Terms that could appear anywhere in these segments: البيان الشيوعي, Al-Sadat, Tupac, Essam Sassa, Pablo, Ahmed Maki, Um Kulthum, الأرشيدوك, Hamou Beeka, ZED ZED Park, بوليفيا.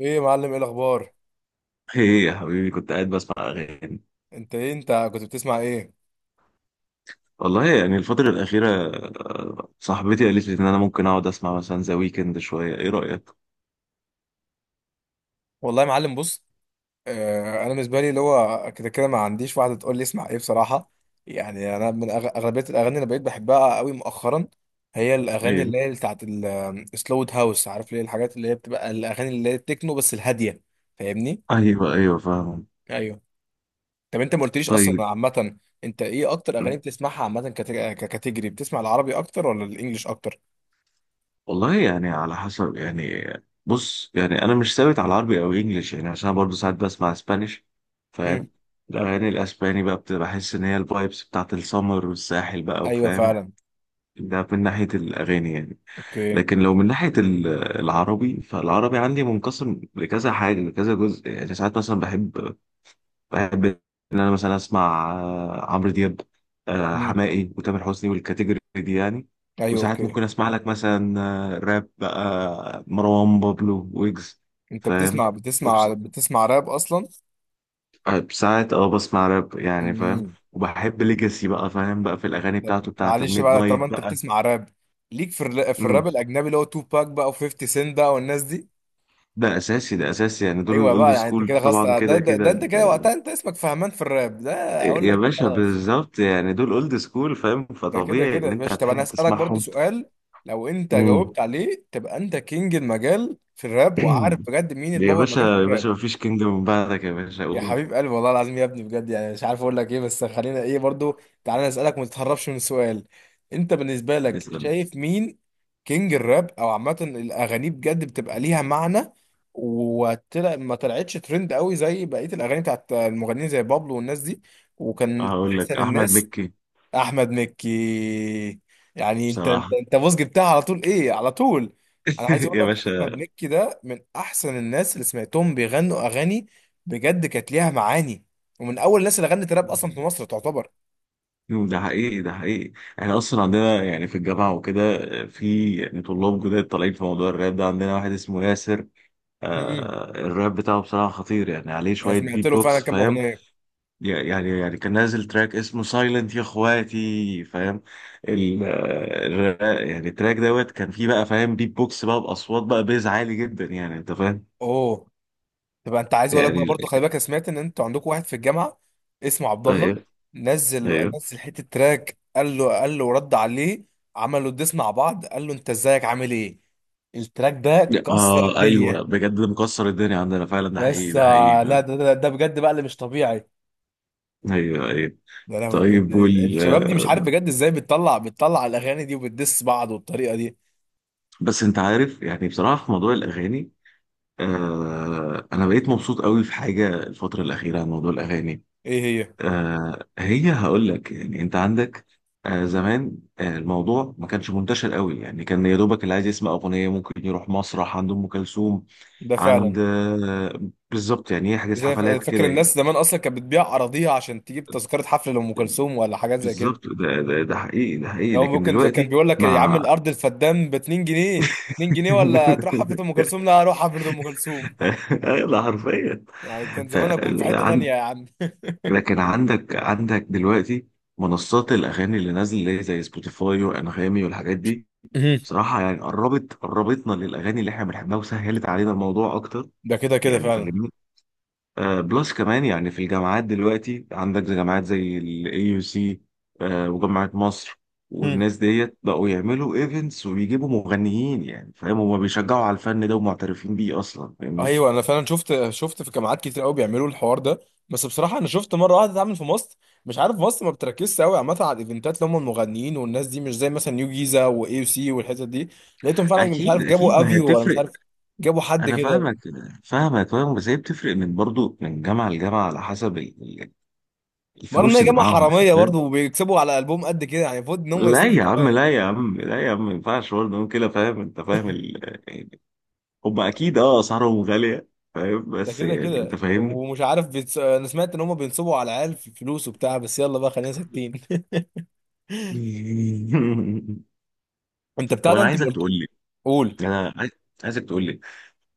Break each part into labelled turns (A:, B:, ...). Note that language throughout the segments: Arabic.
A: ايه يا معلم، ايه الاخبار؟
B: ايه يا حبيبي كنت قاعد بسمع اغاني.
A: انت ايه، انت كنت بتسمع ايه؟
B: والله يعني الفترة الأخيرة صاحبتي قالت لي إن أنا ممكن أقعد أسمع مثلا ذا ويكند شوية، إيه رأيك؟
A: والله يا معلم، بص. انا بالنسبه لي اللي هو كده كده ما عنديش واحده تقول لي اسمع ايه بصراحه. يعني انا من اغلبيه الاغاني اللي بقيت بحبها قوي مؤخرا، هي الاغاني
B: أيوه.
A: اللي هي بتاعت السلو هاوس، عارف ليه؟ الحاجات اللي هي بتبقى الاغاني اللي هي التكنو بس الهاديه، فاهمني؟
B: أيوه فاهم.
A: ايوه. طب انت ما قلتليش
B: طيب.
A: اصلا عامه، انت ايه اكتر
B: م.
A: اغاني بتسمعها عامه، ككاتيجري، بتسمع العربي اكتر ولا الانجليش اكتر؟
B: والله يعني على حسب يعني. بص يعني أنا مش ثابت على عربي أو إنجليش، يعني عشان أنا برضه ساعات بسمع اسبانيش،
A: مم.
B: فاهم. الأغاني الأسباني بقى بتبقى، بحس إن هي الفايبس بتاعت السمر والساحل بقى،
A: ايوه
B: وفاهم.
A: فعلا.
B: ده من ناحية الأغاني يعني.
A: اوكي.
B: لكن لو من ناحية العربي، فالعربي عندي منقسم لكذا حاجة، لكذا جزء، يعني ساعات مثلا بحب، بحب إن أنا مثلا أسمع، عمرو دياب،
A: مم.
B: حماقي وتامر حسني والكاتيجوري دي يعني.
A: ايوه
B: وساعات
A: اوكي.
B: ممكن أسمع لك مثلا، راب بقى، مروان بابلو، ويجز،
A: انت
B: فاهم.
A: بتسمع بتسمع
B: وبس-
A: بتسمع راب اصلا؟
B: ساعات اه بسمع راب يعني، فاهم.
A: امم.
B: وبحب ليجاسي بقى، فاهم بقى، في الأغاني
A: طب
B: بتاعته بتاعت
A: معلش
B: الميد
A: بقى،
B: نايت
A: طالما انت
B: بقى.
A: بتسمع راب، ليك في في الراب
B: مم.
A: الاجنبي اللي هو تو باك بقى و50 سنت بقى والناس دي؟
B: ده اساسي، ده اساسي، يعني دول
A: ايوه
B: الاولد
A: بقى، يعني انت
B: سكول
A: كده خلاص،
B: طبعا،
A: ده, ده,
B: كده
A: ده
B: كده
A: انت
B: انت.
A: كده وقتها، انت اسمك فهمان في الراب ده. اقول
B: يا
A: لك
B: باشا
A: خلاص،
B: بالظبط، يعني دول اولد سكول، فاهم،
A: ده كده
B: فطبيعي
A: كده
B: ان
A: يا
B: انت
A: باشا. طب انا
B: هتحب
A: اسالك برضو
B: تسمعهم.
A: سؤال، لو انت
B: مم.
A: جاوبت عليه تبقى انت كينج المجال في الراب، وعارف بجد مين
B: يا
A: البابا
B: باشا
A: المجال في
B: يا باشا،
A: الراب؟
B: مفيش كينجدم من بعدك يا باشا،
A: يا
B: قول.
A: حبيب قلبي، والله العظيم يا ابني بجد، يعني مش عارف اقول لك ايه، بس خلينا ايه برضو، تعالى نسألك وما تتهربش من السؤال. انت بالنسبة لك
B: نسأل.
A: شايف مين كينج الراب، او عامة الاغاني بجد بتبقى ليها معنى، وطلع ما طلعتش ترند قوي زي بقية الاغاني بتاعت المغنيين زي بابلو والناس دي، وكان
B: هقول لك
A: احسن
B: احمد
A: الناس؟
B: مكي.
A: احمد مكي. يعني انت
B: بصراحة.
A: انت انت بص جبتها على طول، ايه على طول. انا عايز اقول
B: يا
A: لك احمد
B: باشا.
A: مكي ده من احسن الناس اللي سمعتهم بيغنوا اغاني، بجد كانت ليها معاني، ومن اول الناس اللي غنت راب اصلا في مصر تعتبر.
B: ده حقيقي، ده حقيقي. احنا اصلا عندنا يعني في الجامعة وكده، في يعني طلاب جداد طالعين في موضوع الراب ده، عندنا واحد اسمه ياسر،
A: مم.
B: آه الراب بتاعه بصراحة خطير، يعني عليه
A: انا
B: شوية
A: سمعت
B: بيت
A: له فعلا
B: بوكس،
A: كام
B: فاهم.
A: اغنيه.
B: يعني يعني كان نازل تراك اسمه سايلنت يا اخواتي، فاهم. يعني التراك دوت كان فيه بقى، فاهم، بيت بوكس بقى باصوات بقى، بيز عالي جدا يعني، انت فاهم.
A: اوه. تبقى انت، عايز اقول لك بقى
B: يعني
A: برضه، خلي بالك انا سمعت ان انتوا عندكم واحد في الجامعه اسمه عبد الله،
B: ايوه
A: نزل
B: ايوه.
A: نزل حته تراك، قال له رد عليه، عملوا الديس مع بعض، قال له انت ازيك عامل ايه، التراك ده كسر
B: اه ايوه
A: الدنيا.
B: بجد، ده مكسر الدنيا عندنا فعلا، ده حقيقي
A: يس
B: ده حقيقي
A: لا،
B: فعلا.
A: ده بجد بقى اللي مش طبيعي.
B: ايوه ايوه.
A: ده لهوي بجد،
B: طيب وال
A: الشباب دي مش عارف
B: آه،
A: بجد ازاي بتطلع الاغاني دي وبتدس بعض بالطريقه دي.
B: بس انت عارف يعني، بصراحه في موضوع الاغاني، آه انا بقيت مبسوط قوي في حاجه الفتره الاخيره عن موضوع الاغاني.
A: ايه هي؟
B: آه هي هقول لك، يعني انت عندك، آه زمان آه، الموضوع ما كانش منتشر قوي، يعني كان يا دوبك اللي عايز يسمع اغنيه ممكن يروح مسرح عند ام كلثوم،
A: ده
B: عند
A: فعلا.
B: آه، بالظبط يعني يحجز
A: زي
B: حفلات
A: فاكر
B: كده يعني.
A: الناس زمان اصلا كانت بتبيع اراضيها عشان تجيب تذكره حفله لام كلثوم ولا حاجات زي كده؟
B: بالظبط، ده ده حقيقي ده حقيقي،
A: لو
B: لكن
A: ممكن زي كان
B: دلوقتي
A: بيقول لك يا عم
B: مع.
A: الارض الفدان ب 2 جنيه، 2 جنيه ولا تروح حفله ام كلثوم؟ لا، اروح حفله ام كلثوم.
B: ده حرفيا.
A: يعني كان
B: ف
A: زمان اكون في حته تانية
B: عن-
A: يا عم.
B: لكن عندك دلوقتي منصات الاغاني اللي نازله، اللي هي زي سبوتيفاي وانغامي والحاجات دي.
A: مهم.
B: بصراحة يعني قربت، قربتنا للأغاني اللي احنا بنحبها وسهلت علينا الموضوع أكتر.
A: ده كده كده
B: يعني
A: فعلا.
B: فاهمني. آه بلس كمان، يعني في الجامعات دلوقتي عندك زي جامعات زي ال AUC، آه وجامعة مصر،
A: مهم.
B: والناس ديت بقوا يعملوا ايفنتس وبيجيبوا مغنيين، يعني فاهم هما بيشجعوا على الفن ده ومعترفين بيه أصلا، فاهمني.
A: ايوه انا فعلا شفت في جامعات كتير قوي بيعملوا الحوار ده، بس بصراحه انا شفت مره واحده اتعمل في مصر. مش عارف، مصر ما بتركزش قوي عامه على الايفنتات اللي هم المغنيين والناس دي، مش زي مثلا نيو جيزه واي سي والحتت دي، لقيتهم فعلا مش
B: أكيد
A: عارف
B: أكيد،
A: جابوا
B: ما هي
A: افيو ولا مش
B: بتفرق.
A: عارف جابوا حد
B: أنا
A: كده.
B: فاهمك، فاهمك فاهم، بس هي بتفرق من، برضو من جامعة لجامعة، على حسب
A: مرة ان
B: الفلوس
A: هي
B: اللي
A: جامعة
B: معاهم
A: حرامية
B: يعني،
A: برضه، وبيكسبوا على قلبهم قد كده، يعني المفروض ان هم
B: لا
A: يصرفوا
B: يا عم
A: شوية.
B: لا يا عم لا يا عم، ما ينفعش برضه نقول كده، فاهم انت، فاهم ال... يعني هم اكيد اه اسعارهم غاليه، فاهم،
A: ده
B: بس
A: كده
B: يعني انت
A: كده.
B: فاهمني.
A: ومش عارف انا سمعت ان هم بينصبوا على العيال في فلوس وبتاع، بس يلا بقى خلينا ساكتين. انت
B: طب
A: بتاع ده،
B: انا
A: انت ما
B: عايزك
A: قلت.
B: تقول لي،
A: قول.
B: انا عايز- عايزك تقول لي،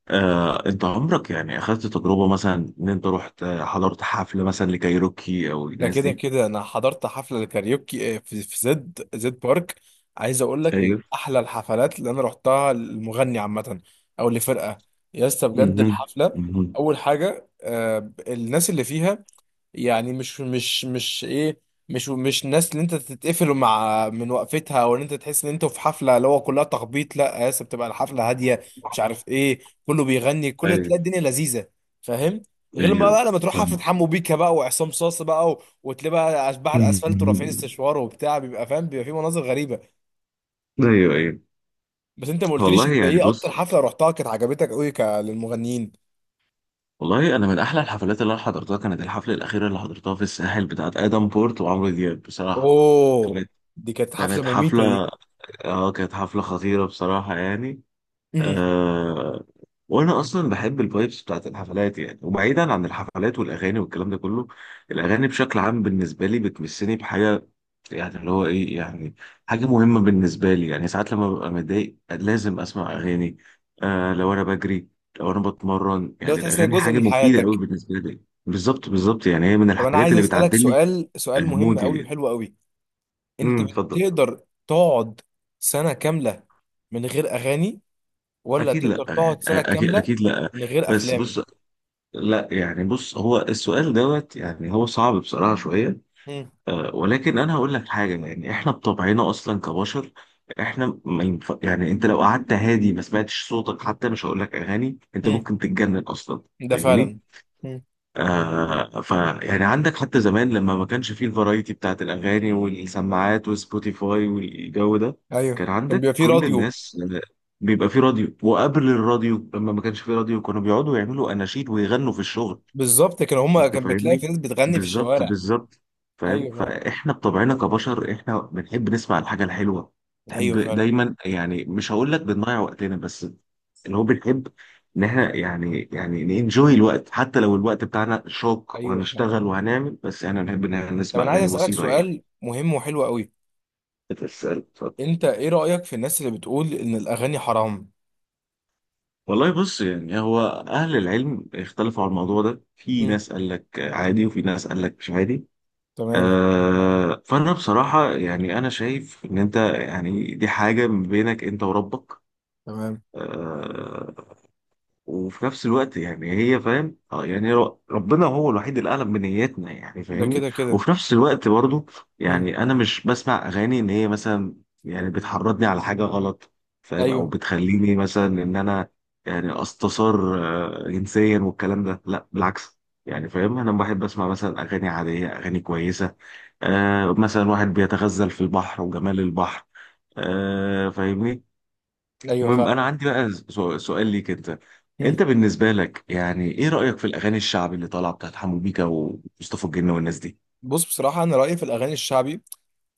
B: آه انت عمرك يعني اخذت تجربه مثلا ان انت رحت، حضرت حفله مثلا لكايروكي او
A: ده
B: الناس
A: كده
B: دي؟
A: كده، انا حضرت حفلة الكاريوكي في زد زد بارك. عايز اقول لك من
B: ايوه.
A: احلى الحفلات اللي انا رحتها للمغني عامة، او لفرقة. يا اسطى بجد
B: مهم.
A: الحفلة،
B: مهم.
A: اول حاجة الناس اللي فيها، يعني مش ايه، مش الناس اللي انت تتقفل مع من وقفتها، او ان انت تحس ان انت في حفله اللي هو كلها تخبيط، لا يا اسطى، بتبقى الحفله هاديه، مش عارف ايه، كله بيغني، كله
B: ايوه
A: تلاقي الدنيا لذيذه، فاهم؟ غير ما
B: ايوه
A: بقى لما تروح حفله
B: فاهم.
A: حمو بيكا بقى وعصام صاصا بقى وتلاقي بقى اشباح الاسفلت ورافعين استشوار وبتاع، بيبقى فاهم، بيبقى في مناظر غريبه.
B: ايوه ايوه.
A: بس انت ما قلتليش،
B: والله
A: انت
B: يعني
A: ايه
B: بص،
A: اكتر حفله رحتها كانت عجبتك قوي للمغنيين؟
B: والله انا من احلى الحفلات اللي انا حضرتها كانت الحفله الاخيره اللي حضرتها في الساحل، بتاعت ادم بورت وعمرو دياب بصراحه.
A: اوه،
B: كانت،
A: دي كانت حفله
B: كانت
A: مميته
B: حفله،
A: دي.
B: اه كانت حفله خطيره بصراحه يعني.
A: امم.
B: آه وانا اصلا بحب الفايبس بتاعت الحفلات يعني، وبعيدا عن الحفلات والاغاني والكلام ده كله، الاغاني بشكل عام بالنسبه لي بتمسني بحاجه، يعني اللي هو ايه يعني، حاجه مهمه بالنسبه لي، يعني ساعات لما ببقى متضايق لازم اسمع اغاني، آه لو انا بجري، لو انا بتمرن،
A: لو
B: يعني
A: تحس ان هي
B: الاغاني
A: جزء
B: حاجه
A: من
B: مفيده قوي
A: حياتك.
B: بالنسبه لي. بالظبط بالظبط، يعني هي من
A: طب انا
B: الحاجات
A: عايز
B: اللي
A: اسالك
B: بتعدل لي
A: سؤال سؤال مهم
B: مودي
A: قوي
B: يعني.
A: وحلو قوي، انت
B: اتفضل.
A: بتقدر تقعد سنه كامله من غير اغاني، ولا
B: اكيد لا
A: تقدر
B: يعني،
A: تقعد سنه
B: اكيد
A: كامله
B: اكيد لا.
A: من غير
B: بس
A: افلام؟
B: بص، لا يعني بص، هو السؤال دوت يعني هو صعب بصراحة شوية.
A: مم.
B: ولكن انا هقول لك حاجة، يعني احنا بطبعنا اصلا كبشر، احنا ما ينف... يعني انت لو قعدت هادي ما سمعتش صوتك حتى، مش هقول لك اغاني، انت
A: مم.
B: ممكن تتجنن اصلا.
A: ده
B: فاهمني.
A: فعلا. مم.
B: آه ف يعني عندك حتى زمان لما ما كانش فيه الفرايتي بتاعت الاغاني والسماعات وسبوتيفاي والجو ده،
A: ايوه
B: كان
A: كان
B: عندك
A: بيبقى فيه
B: كل
A: راديو.
B: الناس بيبقى فيه راديو، وقبل الراديو لما ما كانش فيه راديو كانوا بيقعدوا يعملوا اناشيد ويغنوا في الشغل.
A: بالظبط، كان هما
B: انت
A: كان بتلاقي
B: فاهمني.
A: في ناس بتغني في
B: بالظبط
A: الشوارع.
B: بالظبط. فاهم،
A: ايوه فعلا.
B: فاحنا بطبعنا كبشر احنا بنحب نسمع الحاجه الحلوه، بنحب
A: ايوه فعلا.
B: دايما يعني، مش هقول لك بنضيع وقتنا، بس اللي هو بنحب ان احنا، يعني يعني ننجوي الوقت حتى لو الوقت بتاعنا شاق
A: ايوه فعلا.
B: وهنشتغل وهنعمل، بس احنا بنحب ان احنا
A: طب
B: نسمع
A: انا عايز
B: اغاني
A: اسالك
B: بسيطه يعني.
A: سؤال مهم وحلو قوي،
B: بتسأل، اتفضل.
A: انت ايه رايك في الناس اللي بتقول ان الاغاني حرام؟
B: والله بص يعني، هو اهل العلم اختلفوا على الموضوع ده، في
A: مم.
B: ناس قال لك عادي وفي ناس قال لك مش عادي.
A: تمام.
B: فانا بصراحه يعني انا شايف ان انت يعني دي حاجه ما بينك انت وربك.
A: تمام.
B: آه، وفي نفس الوقت يعني هي فاهم، يعني ربنا هو الوحيد اللي اعلم بنياتنا، يعني
A: ده
B: فاهمني.
A: كده كده.
B: وفي نفس الوقت برضو،
A: مم.
B: يعني انا مش بسمع اغاني ان هي مثلا يعني بتحرضني على حاجه غلط، فاهم، او
A: ايوه.
B: بتخليني مثلا ان انا يعني استثار جنسيا والكلام ده، لا بالعكس. يعني فاهم انا بحب اسمع مثلا اغاني عاديه، اغاني كويسه، آه مثلا واحد بيتغزل في البحر وجمال البحر، آه فاهمني.
A: ايوه
B: المهم انا
A: فاهم.
B: عندي بقى، سؤال ليك انت،
A: مم.
B: انت بالنسبه لك يعني ايه رايك في الاغاني الشعبي اللي طالعه بتاعت حمو بيكا ومصطفى الجن والناس دي؟
A: بص بصراحه، انا رايي في الاغاني الشعبي،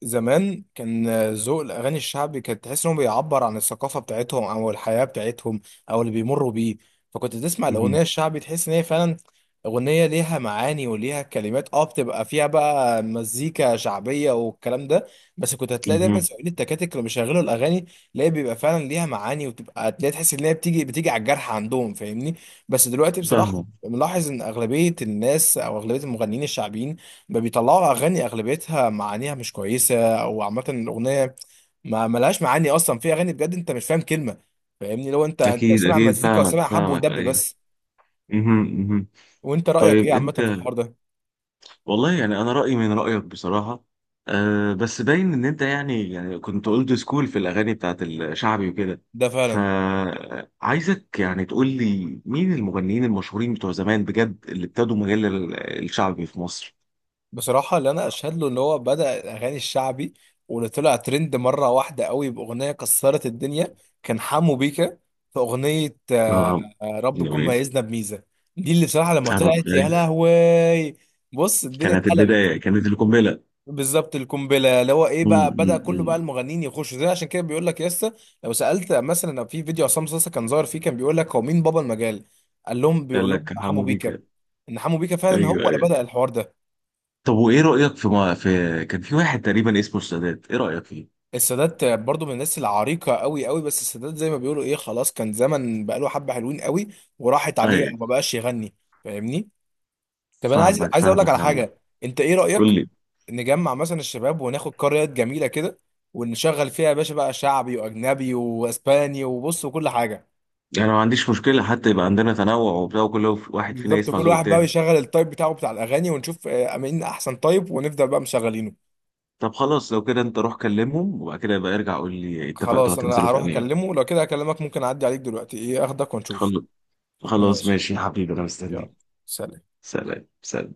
A: زمان كان ذوق الاغاني الشعبي كانت تحس انه بيعبر عن الثقافه بتاعتهم او الحياه بتاعتهم، او اللي بيمروا بيه، فكنت تسمع الاغنيه
B: مهم.
A: الشعبي تحس ان هي فعلا اغنيه ليها معاني وليها كلمات، بتبقى فيها بقى مزيكا شعبيه والكلام ده. بس كنت هتلاقي دايما
B: مهم.
A: سواقين التكاتك اللي بيشغلوا الاغاني، تلاقي بيبقى فعلا ليها معاني، وتبقى تلاقي، تحس ان هي بتيجي بتيجي على الجرح عندهم، فاهمني؟ بس دلوقتي بصراحه،
B: فاهمك.
A: ملاحظ ان اغلبيه الناس او اغلبيه المغنيين الشعبيين ما بيطلعوا اغاني اغلبيتها معانيها مش كويسه، او عامه الاغنيه ما ملهاش معاني اصلا، في اغاني بجد انت مش فاهم كلمه، فاهمني؟ لو انت
B: اكيد
A: سامع
B: اكيد
A: مزيكا
B: فاهمك،
A: وسامع حب
B: فاهمك
A: ودب
B: ايوه.
A: بس.
B: مهم. مهم.
A: وانت رايك ايه
B: طيب
A: عامه
B: انت،
A: في الحوار ده؟
B: والله يعني انا رايي من رايك بصراحه، أه بس باين ان انت يعني يعني كنت اولد سكول في الاغاني بتاعت الشعبي وكده.
A: ده فعلا.
B: فعايزك يعني تقول لي مين المغنيين المشهورين بتوع زمان بجد اللي ابتدوا مجال الشعبي في مصر؟
A: بصراحه اللي انا اشهد له ان هو بدا الاغاني الشعبي، واللي طلع ترند مره واحده قوي باغنيه كسرت الدنيا، كان حمو بيكا، في اغنيه
B: اه
A: رب يكون
B: يعني
A: ميزنا بميزه، دي اللي بصراحه لما
B: انا
A: طلعت يا
B: بداية-
A: لهوي. بص الدنيا
B: كانت
A: اتقلبت.
B: البدايه كانت القنبله.
A: بالظبط القنبله، اللي هو ايه بقى، بدا كله بقى
B: امم.
A: المغنيين يخشوا زي، عشان كده بيقول لك يسا. لو سالت مثلا في فيديو عصام صاصا كان ظاهر فيه، كان بيقول لك هو مين بابا المجال، قال لهم
B: قال
A: بيقول لهم
B: لك
A: حمو
B: حمو
A: بيكا،
B: بيكا.
A: ان حمو بيكا فعلا هو
B: ايوه
A: اللي
B: ايوه.
A: بدا الحوار ده.
B: طب وايه رايك في ما في، كان في واحد تقريبا اسمه السادات، ايه رايك فيه؟
A: السادات برضو من الناس العريقه قوي قوي، بس السادات زي ما بيقولوا ايه، خلاص، كان زمن بقى له حبه حلوين قوي، وراحت عليه
B: ايوه
A: ما بقاش يغني، فاهمني؟ طب انا عايز
B: فاهمك
A: عايز اقول لك
B: فاهمك
A: على
B: يا عم.
A: حاجه، انت ايه
B: قول
A: رايك
B: لي.
A: نجمع مثلا الشباب وناخد قريات جميله كده، ونشغل فيها يا باشا بقى شعبي واجنبي واسباني وبص وكل حاجه؟
B: انا ما عنديش مشكله، حتى يبقى عندنا تنوع وبتاع وكل واحد فينا
A: بالظبط،
B: يسمع
A: كل
B: ذوق
A: واحد بقى
B: التاني.
A: يشغل التايب بتاعه بتاع الاغاني، ونشوف مين احسن تايب، ونبدا بقى مشغلينه.
B: طب خلاص لو كده انت روح كلمهم، وبعد كده يبقى ارجع قول لي اتفقتوا
A: خلاص انا
B: هتنزلوا في
A: هروح
B: انهي يوم.
A: اكلمه، لو كده هكلمك ممكن اعدي عليك دلوقتي ايه اخدك ونشوف.
B: خل- خلاص
A: ماشي.
B: ماشي يا حبيبي، انا
A: يلا.
B: مستنيك.
A: سلام.
B: سلام سلام.